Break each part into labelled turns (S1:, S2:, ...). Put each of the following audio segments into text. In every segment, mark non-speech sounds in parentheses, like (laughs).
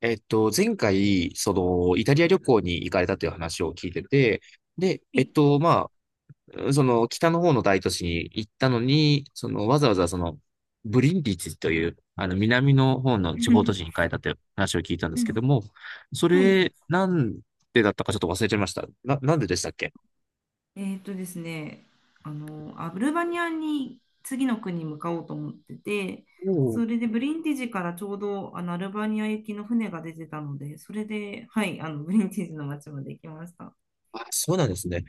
S1: 前回、イタリア旅行に行かれたという話を聞いてて、で、
S2: はい
S1: あ、北の方の大都市に行ったのに、その、わざわざその、ブリンディツという、南の方の地方都市に行
S2: (laughs)
S1: かれたという話を聞いたんで
S2: う
S1: すけど
S2: ん
S1: も、そ
S2: はい。
S1: れ、なんでだったかちょっと忘れちゃいました。なんででしたっけ？
S2: ですね、アルバニアに次の国に向かおうと思ってて、
S1: おお。
S2: それでブリンティジからちょうどアルバニア行きの船が出てたので、それで、はい、ブリンティジの町まで行きました。
S1: あ、そうなんですね。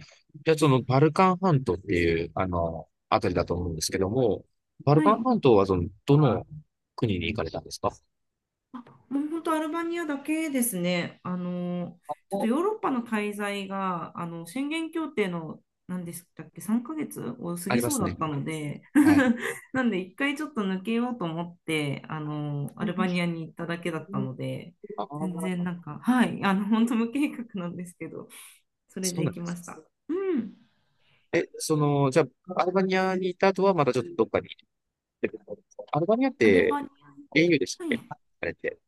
S1: じゃあ、バルカン半島っていう、あたりだと思うんですけども、バル
S2: は
S1: カン
S2: い。
S1: 半島は、どの国に行かれたんですか？
S2: あ、もう本当アルバニアだけですね。ちょっとヨーロッパの滞在が、宣言協定の、何でしたっけ、3ヶ月を過
S1: あり
S2: ぎ
S1: ま
S2: そう
S1: す
S2: だ
S1: ね。
S2: ったので、
S1: はい。
S2: (laughs) なんで一回ちょっと抜けようと思って、アルバニアに行っただけだったので、
S1: あ
S2: 全然
S1: あ、
S2: なんか、はい、本当無計画なんですけど、それ
S1: そう
S2: で
S1: な
S2: 行
S1: んで
S2: きま
S1: す。
S2: した。うん。
S1: え、じゃあ、アルバニアにいた後はまたちょっとどっかに行ってるんですか？アルバニアっ
S2: アル
S1: て
S2: バニ
S1: EU でした
S2: ア、
S1: っ
S2: はい。
S1: け、あれって。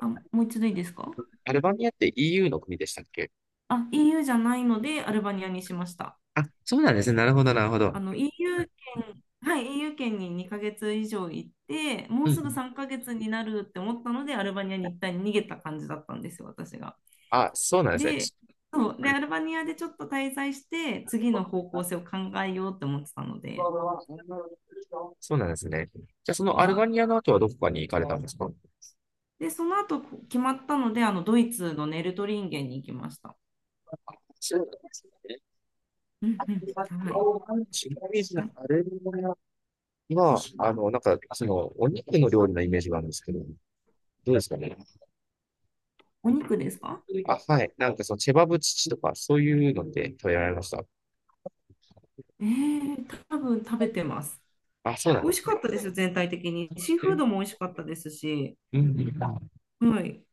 S2: あ、もう一度いいですか？
S1: アルバニアって EU の国でしたっけ？
S2: あ、EU じゃないので、アルバニアにしました。
S1: あ、そうなんですね。なるほど、なるほど。
S2: EU 圏、はい、イーユー圏に2ヶ月以上行って、も
S1: う
S2: う
S1: んう
S2: すぐ
S1: ん。
S2: 3ヶ月になるって思ったので、アルバニアに一旦逃げた感じだったんですよ、私が。
S1: あ、そうなんですね。
S2: で、そう、で、アルバニアでちょっと滞在して、次の方向性を考えようって思ってたので、
S1: そうなんですね。じゃあ、その
S2: は
S1: アル
S2: い。
S1: バニアの後はどこかに行かれたんですか？
S2: で、その後こう決まったので、ドイツのネルトリンゲンに行きました。
S1: そうなんですね。
S2: う
S1: ち
S2: ん
S1: なみ
S2: うん、はい。
S1: に、
S2: な
S1: アルバニアは、お肉の料理のイメージがあるんですけど、どうですかね？
S2: お肉ですか？
S1: あ、はい。なんかそのチェバブチチとか、そういうので食べられました。
S2: 多分食べてます。
S1: あ、そうなん
S2: 美
S1: で
S2: 味し
S1: す
S2: か
S1: ね。
S2: ったですよ、全体的に。シーフードも美味しかったですし、
S1: うん、あ、
S2: はい。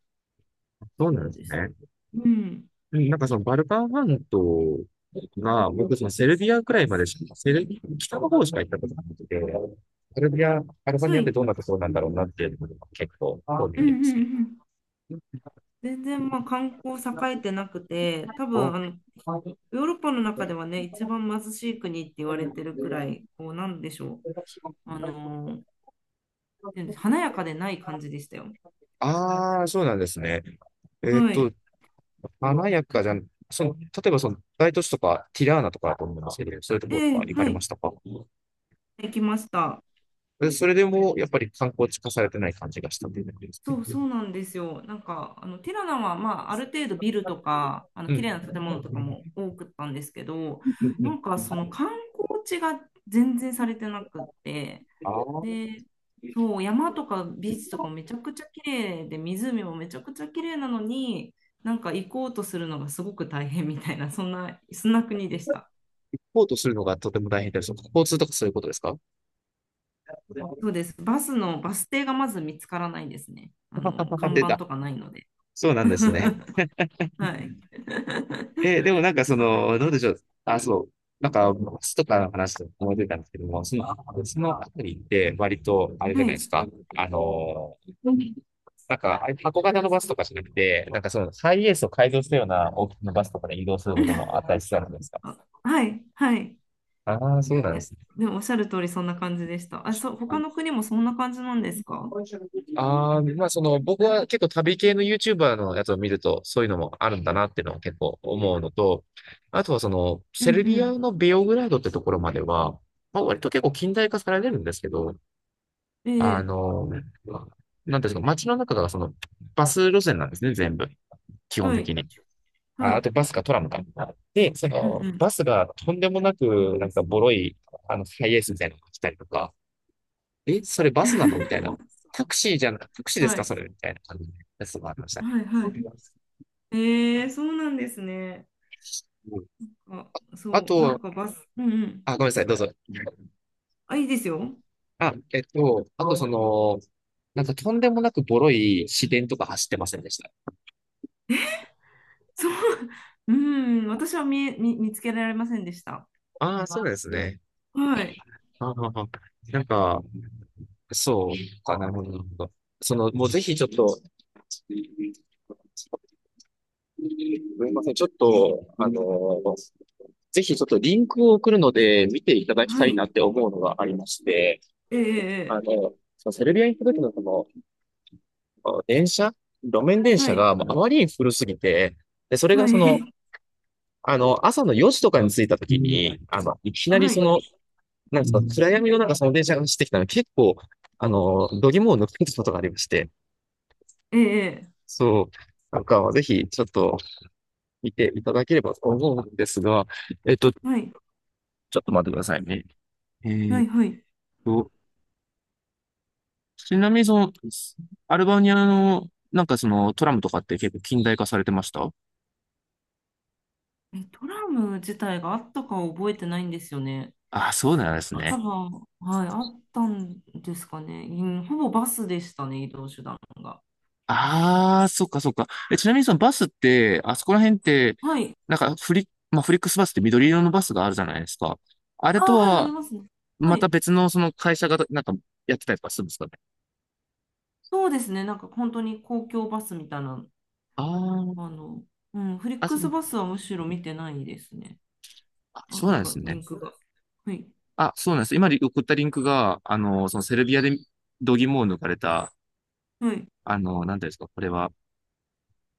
S1: そうなん
S2: そ
S1: で
S2: う
S1: す
S2: です。
S1: ね。
S2: うん。
S1: うん、そのバルカン半島が、僕そのセルビアくらいまでしか、セルビア北の方しか行ったことなくて、セルビア、アルバニ
S2: は
S1: アって
S2: い。
S1: どんなところなんだろうなっていうのが結構興味
S2: う
S1: あ
S2: んう
S1: ります
S2: ん
S1: ね。
S2: うん。全然まあ観光栄えてなくて、多分ヨーロッパの中ではね、一番貧しい国って言われてるくらい、こうなんでしょう、あのーなんで華やかでない感じでしたよ。
S1: ああ、そうなんですね。えっ
S2: は
S1: と、
S2: い。
S1: 華やかじゃん、例えばその大都市とか、ティラーナとかだと思うんですけど、そういうと
S2: え
S1: ころと
S2: え
S1: か行か
S2: は
S1: れま
S2: い。
S1: したか？
S2: 行きました。
S1: でそれでも、やっぱり観光地化されてない感じがしたというだけですね。
S2: そうそうなんですよ。なんかティラナは、まあ、ある程度ビルとか
S1: う
S2: 綺
S1: ん。
S2: 麗な建物とかも多くったんですけど、
S1: うんう
S2: な
S1: ん。
S2: んかその観光地が全然されてなくって、
S1: ああ、
S2: でそう山とかビーチとかもめちゃくちゃ綺麗で、湖もめちゃくちゃ綺麗なのに、なんか行こうとするのがすごく大変みたいな、そんなそんな国でした。
S1: ポートするのがとても大変です。交通とかそういうことですか？
S2: そうです。バスのバス停がまず見つからないですね。
S1: あ、
S2: 看
S1: 出
S2: 板
S1: た。
S2: とかないので。
S1: そうなんですね。
S2: (laughs) はい。
S1: えー、でもその、どうでしょう。あ、そう。なんか、バスとかの話で思い出たんですけども、その、そのあたりって割と、あれじゃ
S2: は
S1: ないです
S2: い。
S1: か。あのーなんか、あ、箱型のバスとかじゃなくて、ハイエースを改造したような大きなバスとかで移動することもあ
S2: (laughs)
S1: ったりしたんですか？
S2: あ、はい、はい。
S1: ああー、そうなん
S2: い
S1: で
S2: や、
S1: すね。
S2: でもおっしゃる通りそんな感じでした。あ、そう、他の国もそんな感じなんですか？
S1: ああ、僕は結構旅系の YouTuber のやつを見るとそういうのもあるんだなっていうのを結構思うのと、あとはその
S2: うん
S1: セ
S2: う
S1: ルビア
S2: ん。
S1: のベオグラードってところまでは、まあ割と結構近代化されてるんですけど、
S2: ええ、
S1: なんていうんですか、街の中がそのバス路線なんですね、全部。基本
S2: は
S1: 的
S2: い、
S1: に。
S2: は
S1: あ、あ
S2: い、
S1: とバスかトラムか。で、そ
S2: うんう
S1: の
S2: ん。
S1: バスがとんでもなくなんかボロい、ハイエースみたいなのが来たりとか、え、それバスなのみたいな。
S2: (laughs)
S1: タクシーです
S2: は
S1: か
S2: い、
S1: それみたいな感じのやつもありましたね。
S2: はい、は
S1: う
S2: い。ええ、そうなんですね。
S1: ん、
S2: あ、
S1: あ
S2: そう、な
S1: と、
S2: んかバス、うんうん。
S1: あ、ごめんなさい、どうぞ。
S2: あ、いいですよ。
S1: あ、あとその、なんかとんでもなくボロい市電とか走ってませんでした？
S2: そう、(laughs) うん、私は見え、見、見つけられませんでした。
S1: ああ、そうですね。
S2: はい、
S1: ああ、あ、なんか、そうかな、なるほど。なるほど。もうぜひちょっと、すみません、ちょっと、ぜひちょっとリンクを送るので見ていただきた
S2: は
S1: い
S2: い、
S1: なって思うのがありまして、
S2: ええ、え
S1: そのセルビアに行った時のその、電車路面電
S2: えは
S1: 車
S2: い、
S1: がもうあまりに古すぎて、で、それが
S2: は
S1: その、
S2: い、
S1: 朝の4時とかに着いた時に、あの、いき
S2: (laughs)
S1: なり
S2: は
S1: そ
S2: い、
S1: の、なんですか、暗闇の中その電車が走ってきたので、結構、度肝を抜くことがありまして、
S2: ええ、
S1: そう、なんか、ぜひ、ちょっと、見ていただければと思うんですが、ちょ
S2: はい、
S1: っと待ってくださいね。え
S2: は
S1: ーっ
S2: い、はい。
S1: と、ちなみにその、アルバニアの、トラムとかって結構近代化されてました？
S2: え、トラム自体があったか覚えてないんですよね。
S1: ああ、そうなんです
S2: あ、多
S1: ね。
S2: 分、はい、あったんですかね。うん、ほぼバスでしたね、移動手段が。
S1: ああ、そっかそっか。え、ちなみにそのバスって、あそこら辺って、
S2: はい。
S1: なんかフリ、まあ、フリックスバスって緑色のバスがあるじゃないですか。あれ
S2: あ、
S1: と
S2: はい、あり
S1: は、
S2: ますね。は
S1: また
S2: い。
S1: 別のその会社がなんかやってたりとかするんですかね。
S2: そうですね、なんか本当に公共バスみたいな、
S1: あ
S2: あ
S1: ー、
S2: の、うん、フリッ
S1: あ、
S2: ク
S1: そ
S2: ス
S1: う、
S2: バスはむしろ見てないですね。
S1: あ、
S2: あ、
S1: そう
S2: な
S1: なん
S2: ん
S1: で
S2: か
S1: す
S2: リン
S1: ね。
S2: クが。はい。
S1: あ、そうなんです。今送ったリンクが、そのセルビアで度肝を抜かれた、
S2: はい。
S1: なんていうんですか、これは。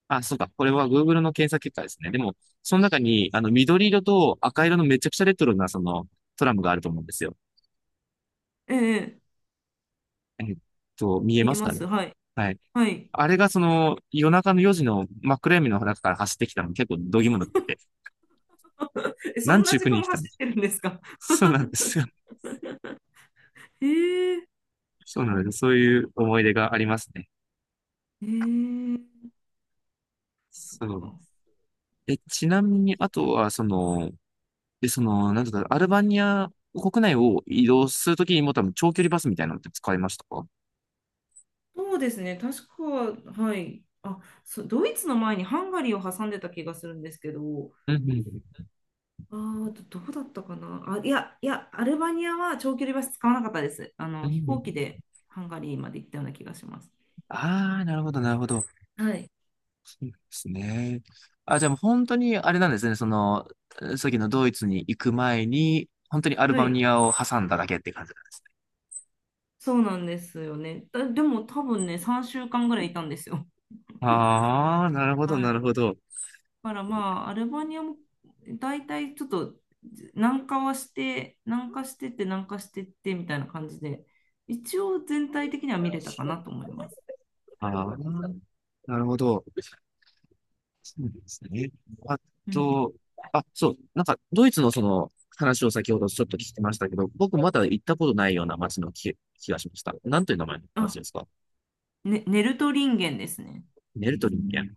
S1: あ、そうか。これは Google の検索結果ですね。でも、その中に、緑色と赤色のめちゃくちゃレトロな、トラムがあると思うんですよ。
S2: ええ、
S1: えっ見え
S2: ええ見
S1: ま
S2: え
S1: す
S2: ま
S1: かね。
S2: す。はい。
S1: はい。
S2: はい。
S1: あれがその、夜中の4時の真っ暗闇の中から走ってきたの結構度肝抜かれて、
S2: え、そ
S1: なん
S2: ん
S1: ちゅ
S2: な
S1: う
S2: 時
S1: 国
S2: 間
S1: に
S2: も
S1: 来た
S2: 走
S1: の。
S2: ってるんですか？
S1: そうなんですよ。
S2: (laughs) へえ、
S1: そうなんです。そういう思い出がありますね。
S2: へえ、そっ
S1: そう。
S2: か。
S1: え、ちなみに、あとは、その、で、その、なんとか、アルバニア国内を移動するときにも多分長距離バスみたいなのって使いましたか？
S2: そうですね、確か、はい。あ、ドイツの前にハンガリーを挟んでた気がするんですけど、
S1: うんうん。
S2: どうだったかな。あ、いや、いや、アルバニアは長距離バス使わなかったです。
S1: うんう
S2: 飛
S1: ん。
S2: 行機でハンガリーまで行ったような気がします。
S1: ああ、なるほど、なるほど。
S2: はい。
S1: ですね。あ、じゃあもう本当にあれなんですね。さっきのドイツに行く前に、本当にアル
S2: は
S1: バニ
S2: い。
S1: アを挟んだだけって感じ。
S2: そうなんですよね。でも多分ね、3週間ぐらいいたんですよ。
S1: ああ、なるほど、
S2: は
S1: なる
S2: い。
S1: ほど。
S2: だからまあ、アルバニアも大体ちょっと南下はして、南下してって南下してってみたいな感じで、一応全体的には見れたかなと思います。
S1: ああ、なるほど。そうなんですね。あ
S2: うん。
S1: と、あ、そう、なんか、ドイツのその話を先ほどちょっと聞きましたけど、僕まだ行ったことないような街の気がしました。なんという名前の街
S2: あ、
S1: ですか？
S2: ね、ネルト人間ですね。
S1: ネルトリンゲン。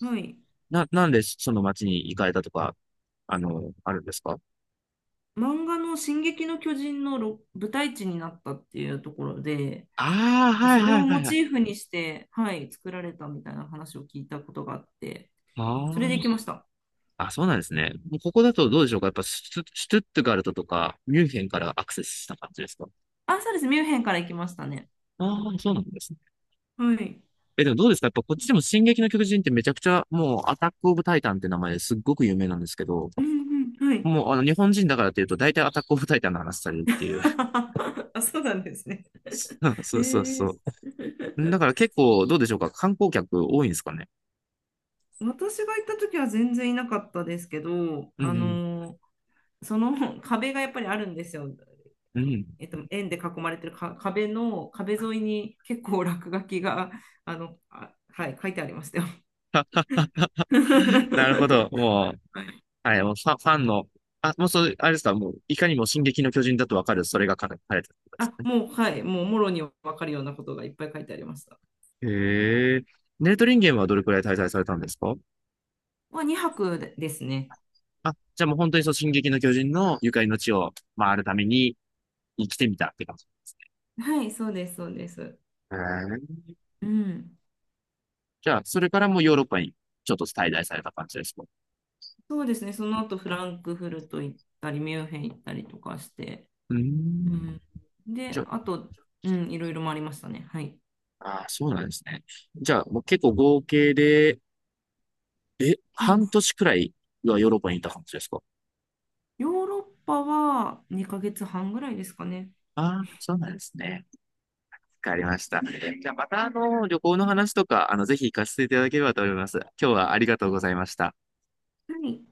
S2: はい。
S1: なんでその街に行かれたとか、あるんですか？
S2: 漫画の「進撃の巨人」の舞台地になったっていうところで、
S1: ああー、
S2: なんか
S1: はい
S2: それ
S1: は
S2: を
S1: いは
S2: モ
S1: いは
S2: チ
S1: い。
S2: ーフにして、はい、作られたみたいな話を聞いたことがあって、
S1: あ
S2: それで行き
S1: あ、
S2: ました。
S1: あ、そうなんですね。もうここだとどうでしょうか、やっぱシュトゥットガルトとか、ミュンヘンからアクセスした感じですか？
S2: あ、そうです。ミュンヘンから行きましたね。
S1: ああー、そうなんですね。
S2: はい。
S1: え、でもどうですかやっぱこっちでも進撃の巨人ってめちゃくちゃ、もうアタックオブタイタンって名前ですっごく有名なんですけど、
S2: うんうん、はい。
S1: もうあの日本人だからっていうと大体アタックオブタイタンの話されるっていう。
S2: (laughs) あ、そうなんですね。
S1: (laughs) そ
S2: え
S1: うそう
S2: ー、
S1: そう。だから結構どうでしょうか観光客多いんですかね？
S2: 私が行った時は全然いなかったですけど、
S1: うんうん。
S2: その (laughs) 壁がやっぱりあるんですよ。
S1: うん。
S2: 円で囲まれてるか壁沿いに結構落書きがはい、書いてありましたよ。
S1: (laughs) なるほど。
S2: (laughs)
S1: もう、はい、もうファン、ファンの、あ、もうそれ、あれですか、もう、いかにも進撃の巨人だとわかる、それが書かれてたことです
S2: あ、
S1: ね。
S2: もう、はい、もうもろに分かるようなことがいっぱい書いてありました。
S1: へえ。ネートリンゲンはどれくらい滞在されたんですか？
S2: は2泊でですね。
S1: あ、じゃあもう本当にそう、進撃の巨人のゆかりの地を回るために生きてみたって感じ。
S2: はい、そうです、そうです。
S1: へえ。
S2: うん。
S1: じゃあ、それからもうヨーロッパにちょっと滞在された感じですか？
S2: そうですね、その後フランクフルト行ったり、ミュンヘン行ったりとかして、
S1: うー
S2: う
S1: ん。
S2: ん、
S1: じ
S2: で、
S1: ゃ
S2: あと、うん、いろいろ回りましたね。はい。
S1: あ、あー、そうなんですね。じゃあ、もう結構合計で、え、
S2: うん、
S1: 半年くらいはヨーロッパにいた感じですか？
S2: ヨーロッパは2ヶ月半ぐらいですかね。
S1: ああー、そうなんですね。わかりました。じゃあまた旅行の話とか、ぜひ行かせていただければと思います。今日はありがとうございました。
S2: はい。